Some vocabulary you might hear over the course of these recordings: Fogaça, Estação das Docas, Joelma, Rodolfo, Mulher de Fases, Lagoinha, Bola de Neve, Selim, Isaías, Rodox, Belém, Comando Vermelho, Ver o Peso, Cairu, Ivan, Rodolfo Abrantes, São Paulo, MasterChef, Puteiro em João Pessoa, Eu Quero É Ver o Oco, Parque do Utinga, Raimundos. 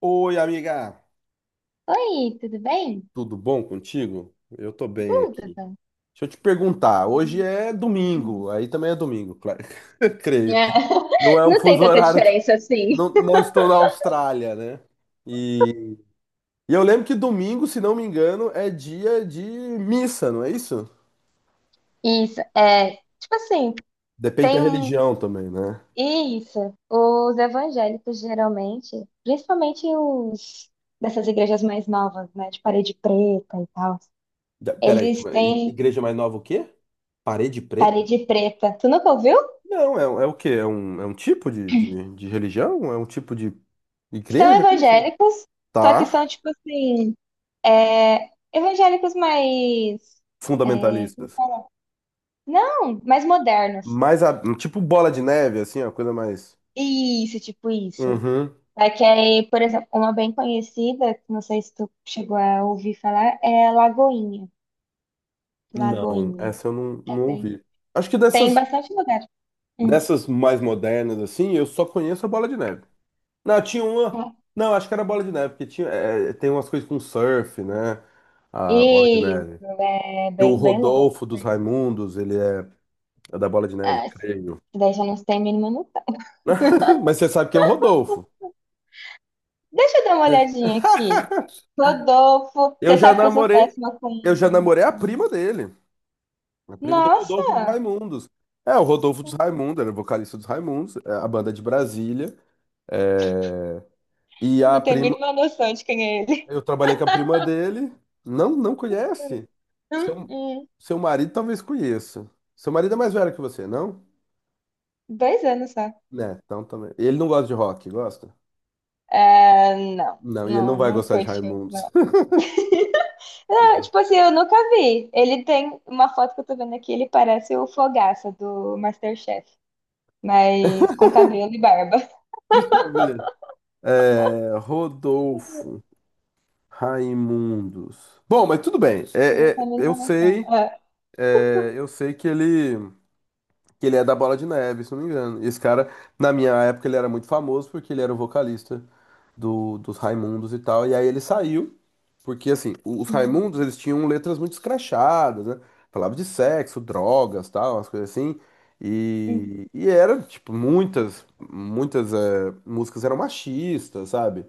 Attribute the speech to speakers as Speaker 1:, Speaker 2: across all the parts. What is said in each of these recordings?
Speaker 1: Oi, amiga,
Speaker 2: Oi, tudo bem?
Speaker 1: tudo bom contigo? Eu tô bem
Speaker 2: Tudo
Speaker 1: aqui.
Speaker 2: bom.
Speaker 1: Deixa eu te perguntar, hoje é
Speaker 2: Hum.
Speaker 1: domingo, aí também é domingo, claro, creio.
Speaker 2: É,
Speaker 1: Não é um
Speaker 2: não tem
Speaker 1: fuso
Speaker 2: tanta
Speaker 1: horário,
Speaker 2: diferença assim.
Speaker 1: não, não estou na Austrália, né? E, e eu lembro que domingo, se não me engano, é dia de missa, não é isso?
Speaker 2: Isso, é, tipo assim,
Speaker 1: Depende da
Speaker 2: tem um,
Speaker 1: religião também, né?
Speaker 2: isso, os evangélicos geralmente, principalmente os dessas igrejas mais novas, né, de parede preta e tal,
Speaker 1: Peraí,
Speaker 2: eles
Speaker 1: i-
Speaker 2: têm
Speaker 1: igreja mais nova o quê? Parede preta?
Speaker 2: parede preta. Tu nunca ouviu?
Speaker 1: Não, é o quê? É um tipo de religião? É um tipo de
Speaker 2: São
Speaker 1: igreja? Como assim?
Speaker 2: evangélicos, só que são,
Speaker 1: Tá.
Speaker 2: tipo assim, é, evangélicos mais,
Speaker 1: Fundamentalistas.
Speaker 2: não, mais modernos.
Speaker 1: Mais tipo bola de neve, assim, a coisa mais.
Speaker 2: Isso, tipo isso.
Speaker 1: Uhum.
Speaker 2: É que aí, por exemplo, uma bem conhecida, que não sei se tu chegou a ouvir falar, é Lagoinha.
Speaker 1: Não,
Speaker 2: Lagoinha.
Speaker 1: essa eu não,
Speaker 2: É
Speaker 1: não
Speaker 2: bem.
Speaker 1: ouvi. Acho que
Speaker 2: Tem
Speaker 1: dessas,
Speaker 2: bastante lugar. Hum.
Speaker 1: dessas mais modernas, assim, eu só conheço a bola de neve. Não, tinha uma. Não, acho que era bola de neve, porque tinha, tem umas coisas com surf, né? A bola de neve.
Speaker 2: Isso, é
Speaker 1: E o
Speaker 2: bem, bem louco.
Speaker 1: Rodolfo dos Raimundos, ele é da bola de neve,
Speaker 2: Ah, isso
Speaker 1: creio.
Speaker 2: daí já não tem mínimo noção.
Speaker 1: Mas você sabe quem é o Rodolfo?
Speaker 2: Deixa eu dar uma olhadinha aqui. Rodolfo,
Speaker 1: Eu
Speaker 2: você
Speaker 1: já
Speaker 2: sabe que eu sou
Speaker 1: namorei,
Speaker 2: péssima
Speaker 1: eu já
Speaker 2: com.
Speaker 1: namorei a prima dele. É primo do Rodolfo dos
Speaker 2: Nossa,
Speaker 1: Raimundos. É, o Rodolfo dos Raimundos, ele é vocalista dos Raimundos, é a banda de Brasília. É, e a
Speaker 2: não tem
Speaker 1: prima,
Speaker 2: mínima noção de quem é ele.
Speaker 1: eu trabalhei com a prima dele. Não, não conhece?
Speaker 2: Hum,
Speaker 1: Seu,
Speaker 2: hum.
Speaker 1: seu marido talvez conheça. Seu marido é mais velho que você, não?
Speaker 2: 2 anos só.
Speaker 1: Né, então também. Ele não gosta de rock, gosta?
Speaker 2: É não,
Speaker 1: Não, e ele não
Speaker 2: não,
Speaker 1: vai
Speaker 2: não
Speaker 1: gostar de
Speaker 2: curti muito.
Speaker 1: Raimundos.
Speaker 2: Ah,
Speaker 1: Não.
Speaker 2: tipo assim, eu nunca vi. Ele tem uma foto que eu tô vendo aqui, ele parece o Fogaça do MasterChef, mas com cabelo e barba.
Speaker 1: Deixa eu ver. É, Rodolfo, Raimundos. Bom, mas tudo bem.
Speaker 2: Eu também
Speaker 1: Eu
Speaker 2: não noção.
Speaker 1: sei,
Speaker 2: Ah.
Speaker 1: eu sei que ele é da Bola de Neve, se não me engano. E esse cara, na minha época, ele era muito famoso porque ele era o vocalista dos Raimundos e tal. E aí ele saiu, porque assim, os
Speaker 2: Uhum,
Speaker 1: Raimundos, eles tinham letras muito escrachadas, né? Falava de sexo, drogas, tal, umas coisas assim.
Speaker 2: uhum,
Speaker 1: E era, tipo, muitas músicas eram machistas, sabe?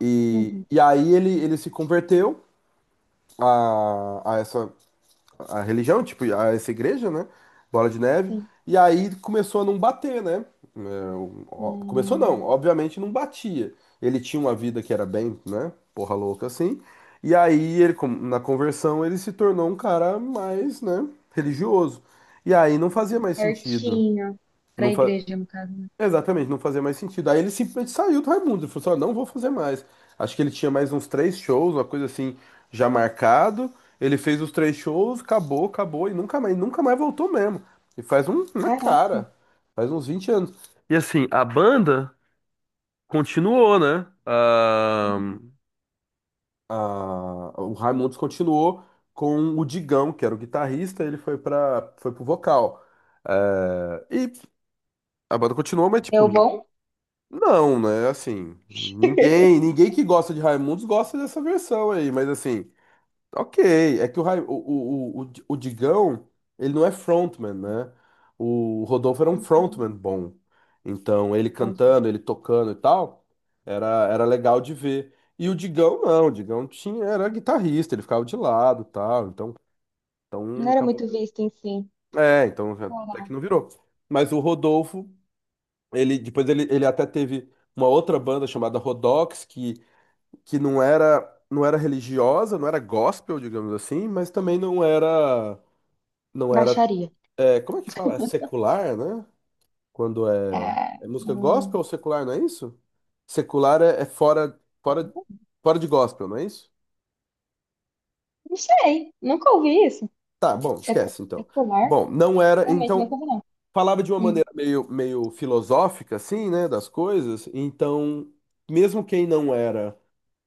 Speaker 1: E,
Speaker 2: uhum,
Speaker 1: e aí ele se converteu a essa a religião, tipo, essa igreja, né? Bola de Neve.
Speaker 2: sim.
Speaker 1: E aí começou a não bater, né? É, ó, começou não,
Speaker 2: Hum,
Speaker 1: obviamente não batia. Ele tinha uma vida que era bem, né? Porra louca assim. E aí ele, na conversão, ele se tornou um cara mais, né? Religioso. E aí não fazia mais sentido.
Speaker 2: certinho. Pra
Speaker 1: Não fa...
Speaker 2: igreja, no caso, né?
Speaker 1: Exatamente, não fazia mais sentido. Aí ele simplesmente saiu do Raimundos, ele falou assim, ó, não vou fazer mais. Acho que ele tinha mais uns três shows, uma coisa assim, já marcado. Ele fez os três shows, acabou, acabou, e nunca mais, nunca mais voltou mesmo. E faz um, uma
Speaker 2: Caraca.
Speaker 1: cara, faz uns 20 anos. E assim, a banda continuou, né? Ah,
Speaker 2: Uhum.
Speaker 1: ah, o Raimundos continuou com o Digão, que era o guitarrista, ele foi pro vocal. E a banda continuou, mas tipo,
Speaker 2: Deu bom?
Speaker 1: não, né? Assim, ninguém, ninguém que gosta de Raimundos gosta dessa versão aí, mas assim, ok. É que o, Rai- o Digão, ele não é frontman, né? O Rodolfo era um
Speaker 2: Uhum,
Speaker 1: frontman bom. Então, ele
Speaker 2: entendi.
Speaker 1: cantando, ele tocando e tal, era legal de ver. E o Digão, não, o Digão tinha, era guitarrista, ele ficava de lado e tal. Então,
Speaker 2: Não era
Speaker 1: acabou
Speaker 2: muito
Speaker 1: que.
Speaker 2: visto em si.
Speaker 1: É, então até
Speaker 2: Caraca.
Speaker 1: que não virou. Mas o Rodolfo. Depois ele até teve uma outra banda chamada Rodox, que não era, não era religiosa, não era gospel, digamos assim, mas também não era, não era,
Speaker 2: Baixaria.
Speaker 1: como é que fala? É secular, né? Quando é,
Speaker 2: Ah,
Speaker 1: é música gospel
Speaker 2: hum,
Speaker 1: ou secular, não é isso? Secular é fora, fora de gospel, não é isso?
Speaker 2: não sei. Nunca ouvi isso.
Speaker 1: Tá, bom, esquece então.
Speaker 2: Secular?
Speaker 1: Bom, não era,
Speaker 2: Realmente, nunca
Speaker 1: então,
Speaker 2: ouvi, não.
Speaker 1: falava de uma maneira meio filosófica, assim, né, das coisas, então, mesmo quem não era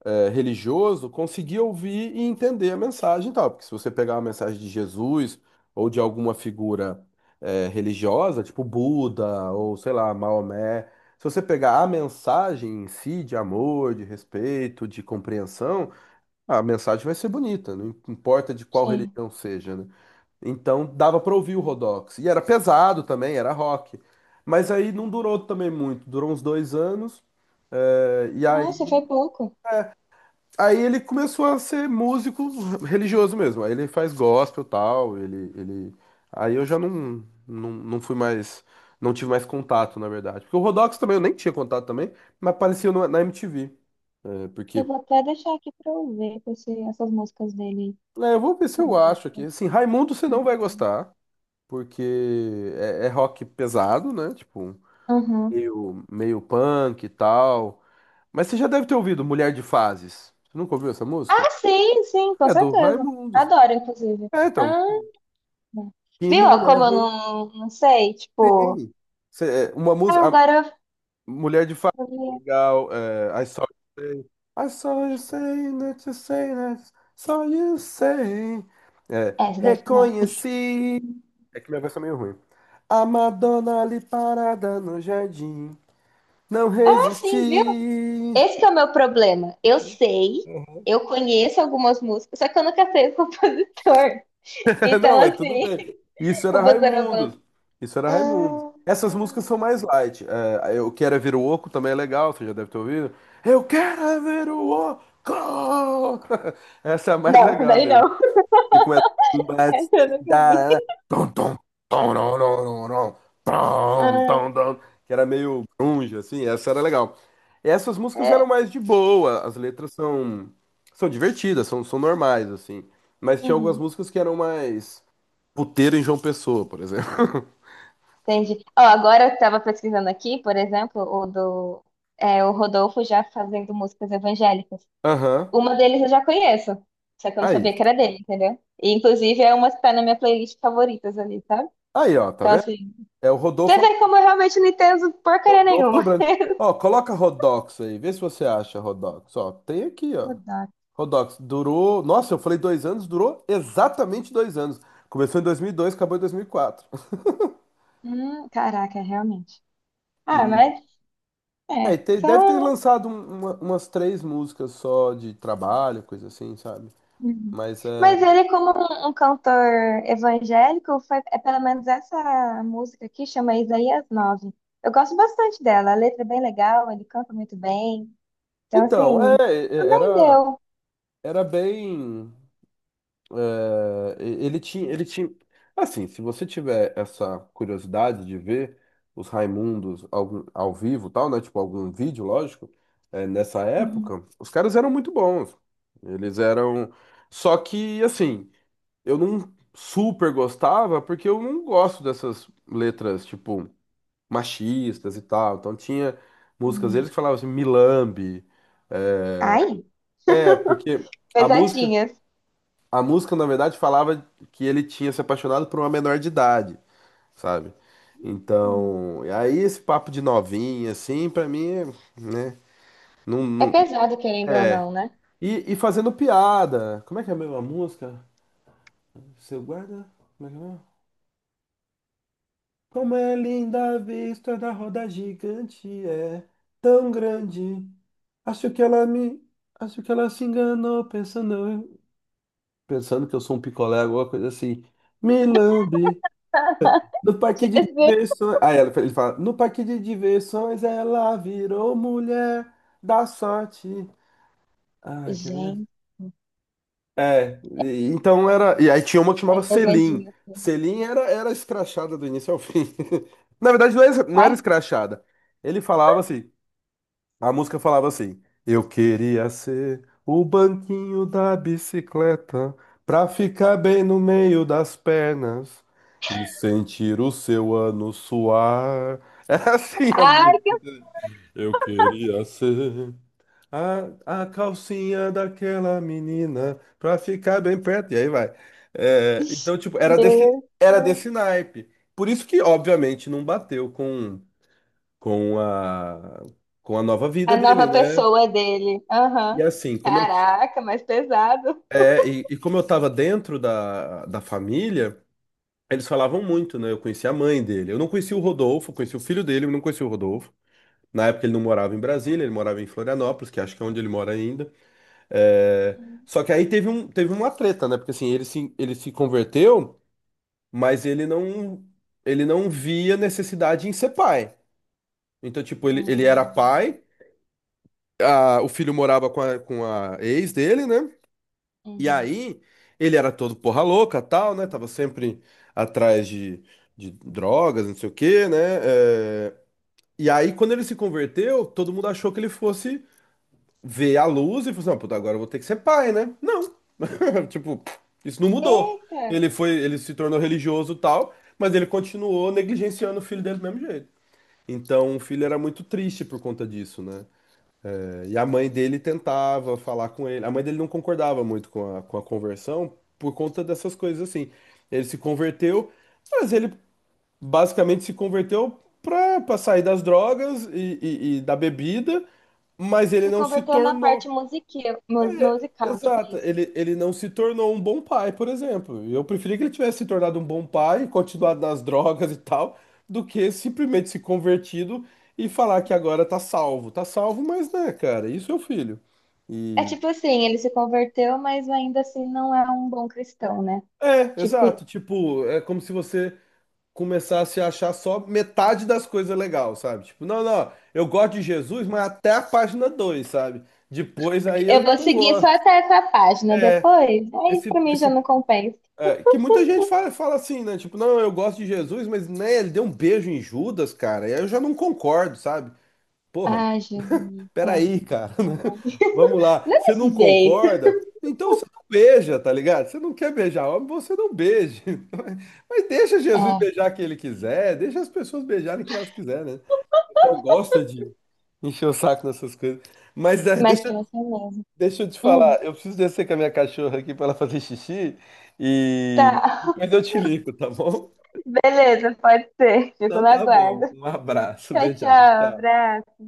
Speaker 1: é, religioso conseguir ouvir e entender a mensagem e tal. Porque se você pegar uma mensagem de Jesus ou de alguma figura religiosa, tipo Buda ou sei lá, Maomé, se você pegar a mensagem em si de amor, de respeito, de compreensão, a mensagem vai ser bonita, não importa de qual
Speaker 2: Sim.
Speaker 1: religião seja, né? Então dava para ouvir o Rodox. E era pesado também, era rock. Mas aí não durou também muito, durou uns 2 anos. É, e aí
Speaker 2: Nossa, foi pouco.
Speaker 1: Aí ele começou a ser músico religioso mesmo. Aí ele faz gospel e tal, ele. Aí eu já não fui mais. Não tive mais contato, na verdade. Porque o Rodox também, eu nem tinha contato também, mas aparecia na MTV. É,
Speaker 2: Eu
Speaker 1: porque.
Speaker 2: vou até deixar aqui pra eu ver essas músicas dele.
Speaker 1: É, eu vou ver se eu acho aqui. Assim, Raimundo você não vai gostar, porque é rock pesado, né? Tipo,
Speaker 2: Uhum.
Speaker 1: meio punk e tal. Mas você já deve ter ouvido Mulher de Fases. Você nunca ouviu essa música?
Speaker 2: Ah, sim, sim, com
Speaker 1: É do
Speaker 2: certeza.
Speaker 1: Raimundos.
Speaker 2: Adoro, inclusive.
Speaker 1: É, então,
Speaker 2: Ah,
Speaker 1: que
Speaker 2: viu? Ó,
Speaker 1: mulher
Speaker 2: como eu
Speaker 1: ruim,
Speaker 2: não sei, tipo.
Speaker 1: hein? Uma
Speaker 2: Ah,
Speaker 1: música. A
Speaker 2: agora
Speaker 1: Mulher de Fato,
Speaker 2: eu vi.
Speaker 1: legal. É, I saw you say. I saw you say that you say that. Saw you say. É,
Speaker 2: É, essa daí não.
Speaker 1: reconheci. É que minha voz tá meio ruim. A Madonna ali parada no jardim. Não
Speaker 2: Ah, sim, viu?
Speaker 1: resisti.
Speaker 2: Esse que é o meu problema. Eu sei, eu conheço algumas músicas, só que eu nunca sei o compositor.
Speaker 1: Não,
Speaker 2: Então,
Speaker 1: mas
Speaker 2: assim,
Speaker 1: tudo bem. Isso era
Speaker 2: eu vou
Speaker 1: Raimundos.
Speaker 2: bando.
Speaker 1: Isso era Raimundos.
Speaker 2: Hum.
Speaker 1: Essas músicas são mais light. É, Eu Quero É Ver o Oco também é legal, você já deve ter ouvido. Eu quero é ver o Oco! Essa é a mais
Speaker 2: Não, essa
Speaker 1: legal
Speaker 2: daí
Speaker 1: dele.
Speaker 2: não.
Speaker 1: E começa. Mas
Speaker 2: Essa eu
Speaker 1: se
Speaker 2: nunca vi.
Speaker 1: dará- Tom, tom, tom, nom, nom, nom, nom, tom, tom,
Speaker 2: Ah,
Speaker 1: tom, que era meio grunge, assim. Essa era legal. Essas músicas eram
Speaker 2: é.
Speaker 1: mais de boa. As letras são divertidas, são normais, assim. Mas tinha algumas
Speaker 2: Uhum.
Speaker 1: músicas que eram mais. Puteiro em João Pessoa, por exemplo.
Speaker 2: Entendi. Ó, agora eu estava pesquisando aqui, por exemplo, o Rodolfo já fazendo músicas evangélicas.
Speaker 1: Aham.
Speaker 2: Uma deles eu já conheço, só que eu não
Speaker 1: Aí.
Speaker 2: sabia que era dele, entendeu? E, inclusive é uma que tá na minha playlist favoritas ali, sabe?
Speaker 1: Aí, ó, tá
Speaker 2: Então,
Speaker 1: vendo?
Speaker 2: assim,
Speaker 1: É o
Speaker 2: você
Speaker 1: Rodolfo,
Speaker 2: vê como eu realmente não entendo porcaria
Speaker 1: Rodolfo
Speaker 2: nenhuma.
Speaker 1: Abrantes. Ó, coloca Rodox aí, vê se você acha Rodox. Ó, tem aqui, ó.
Speaker 2: Rodolfo.
Speaker 1: Rodox durou. Nossa, eu falei 2 anos, durou exatamente 2 anos. Começou em 2002, acabou em dois mil e quatro.
Speaker 2: Caraca, realmente. Ah,
Speaker 1: E
Speaker 2: mas é.
Speaker 1: aí, deve ter
Speaker 2: São
Speaker 1: lançado umas três músicas só de trabalho, coisa assim, sabe?
Speaker 2: Uhum.
Speaker 1: Mas é.
Speaker 2: Mas ele, como um cantor evangélico, foi, é pelo menos essa música aqui, chama Isaías 9. Eu gosto bastante dela, a letra é bem legal, ele canta muito bem. Então,
Speaker 1: Então,
Speaker 2: assim,
Speaker 1: é-
Speaker 2: também
Speaker 1: era,
Speaker 2: deu.
Speaker 1: era bem. Ele tinha. Assim, se você tiver essa curiosidade de ver os Raimundos ao vivo, e tal, né? Tipo, algum vídeo, lógico, nessa
Speaker 2: Uhum.
Speaker 1: época, os caras eram muito bons. Eles eram. Só que, assim, eu não super gostava, porque eu não gosto dessas letras, tipo, machistas e tal. Então tinha músicas
Speaker 2: Uhum.
Speaker 1: deles que falavam assim, milambe.
Speaker 2: Ai,
Speaker 1: É, porque a música.
Speaker 2: pesadinhas.
Speaker 1: A música, na verdade, falava que ele tinha se apaixonado por uma menor de idade, sabe?
Speaker 2: Uhum.
Speaker 1: Então, e aí esse papo de novinha, assim, pra mim, né? Não,
Speaker 2: É
Speaker 1: não.
Speaker 2: pesado, querendo ou não, né?
Speaker 1: E fazendo piada. Como é que é mesmo a música? Seu guarda? Como é que é mesmo? Como é linda a vista da roda gigante, é tão grande. Acho que ela me. Acho que ela se enganou pensando, que eu sou um picolé, alguma coisa assim. Me lambe. No parque de diversões. Aí ele fala: No parque de diversões ela virou mulher da sorte. Ai, que mesmo?
Speaker 2: Gente,
Speaker 1: É, então era. E aí tinha uma que
Speaker 2: é
Speaker 1: chamava Selim.
Speaker 2: pesadinho assim.
Speaker 1: Selim era escrachada do início ao fim. Na verdade, não
Speaker 2: Ai,
Speaker 1: era escrachada. Ele falava assim. A música falava assim: Eu queria ser o banquinho da bicicleta pra ficar bem no meio das pernas e sentir o seu ano suar. Era assim a
Speaker 2: ai,
Speaker 1: música. Eu queria ser a calcinha daquela menina pra ficar bem perto. E aí vai.
Speaker 2: que
Speaker 1: É, então, tipo, era desse,
Speaker 2: Deus.
Speaker 1: era desse naipe. Por isso que, obviamente, não bateu com, com a, com a nova
Speaker 2: A
Speaker 1: vida dele,
Speaker 2: nova
Speaker 1: né?
Speaker 2: pessoa dele.
Speaker 1: E
Speaker 2: Aham.
Speaker 1: assim, como eu,
Speaker 2: Caraca, mais pesado.
Speaker 1: é, e como eu tava dentro da família, eles falavam muito, né? Eu conheci a mãe dele. Eu não conheci o Rodolfo, eu conheci o filho dele, eu não conheci o Rodolfo. Na época ele não morava em Brasília, ele morava em Florianópolis, que acho que é onde ele mora ainda. É,
Speaker 2: Hum,
Speaker 1: só que aí teve uma treta, né? Porque assim, ele se converteu, mas ele não via necessidade em ser pai. Então, tipo, ele era
Speaker 2: hum,
Speaker 1: pai, o filho morava com a ex dele, né? E
Speaker 2: uhum.
Speaker 1: aí, ele era todo porra louca, tal, né? Tava sempre atrás de drogas, não sei o quê, né? É, e aí, quando ele se converteu, todo mundo achou que ele fosse ver a luz e falou assim, "Ah, puta, agora eu vou ter que ser pai, né? Não. Tipo, isso não mudou.
Speaker 2: Eita,
Speaker 1: Ele se tornou religioso, tal, mas ele continuou negligenciando o filho dele do mesmo jeito. Então, o filho era muito triste por conta disso, né? E a mãe dele tentava falar com ele. A mãe dele não concordava muito com a conversão por conta dessas coisas assim. Ele se converteu, mas ele basicamente se converteu pra sair das drogas e da bebida, mas ele
Speaker 2: se
Speaker 1: não se
Speaker 2: converteu na parte
Speaker 1: tornou.
Speaker 2: musical, tipo
Speaker 1: Exato,
Speaker 2: isso.
Speaker 1: ele não se tornou um bom pai, por exemplo. Eu preferia que ele tivesse se tornado um bom pai, continuado nas drogas e tal, do que simplesmente se convertido e falar que agora tá salvo. Tá salvo, mas né, cara, isso é o filho.
Speaker 2: É
Speaker 1: E.
Speaker 2: tipo assim, ele se converteu, mas ainda assim não é um bom cristão, né?
Speaker 1: É,
Speaker 2: Tipo,
Speaker 1: exato. Tipo, é como se você começasse a achar só metade das coisas legal, sabe? Tipo, não, não, eu gosto de Jesus, mas até a página 2 sabe? Depois aí eu
Speaker 2: eu
Speaker 1: já
Speaker 2: vou
Speaker 1: não
Speaker 2: seguir só
Speaker 1: gosto.
Speaker 2: até essa página
Speaker 1: É
Speaker 2: depois. Aí
Speaker 1: Esse,
Speaker 2: pra mim já
Speaker 1: esse
Speaker 2: não compensa.
Speaker 1: É, que muita gente fala, assim, né? Tipo, não, eu gosto de Jesus, mas né, ele deu um beijo em Judas, cara. E aí eu já não concordo, sabe? Porra,
Speaker 2: Ai, Jesus. É.
Speaker 1: peraí, cara. Né? Vamos lá.
Speaker 2: Não é
Speaker 1: Você não
Speaker 2: desse jeito.
Speaker 1: concorda? Então você não beija, tá ligado? Você não quer beijar homem, você não beije. Mas deixa Jesus
Speaker 2: É,
Speaker 1: beijar quem ele quiser, deixa as pessoas beijarem quem elas quiserem, né? O pessoal gosta de encher o saco nessas coisas. Mas é,
Speaker 2: mas pior que é mesmo.
Speaker 1: deixa eu te
Speaker 2: Hum,
Speaker 1: falar, eu preciso descer com a minha cachorra aqui para ela fazer xixi e
Speaker 2: tá.
Speaker 1: depois eu te ligo, tá bom?
Speaker 2: Beleza, pode ser. Fico
Speaker 1: Então
Speaker 2: no
Speaker 1: tá bom.
Speaker 2: aguardo.
Speaker 1: Um abraço,
Speaker 2: Tchau, tchau.
Speaker 1: beijão. Tchau.
Speaker 2: Abraço.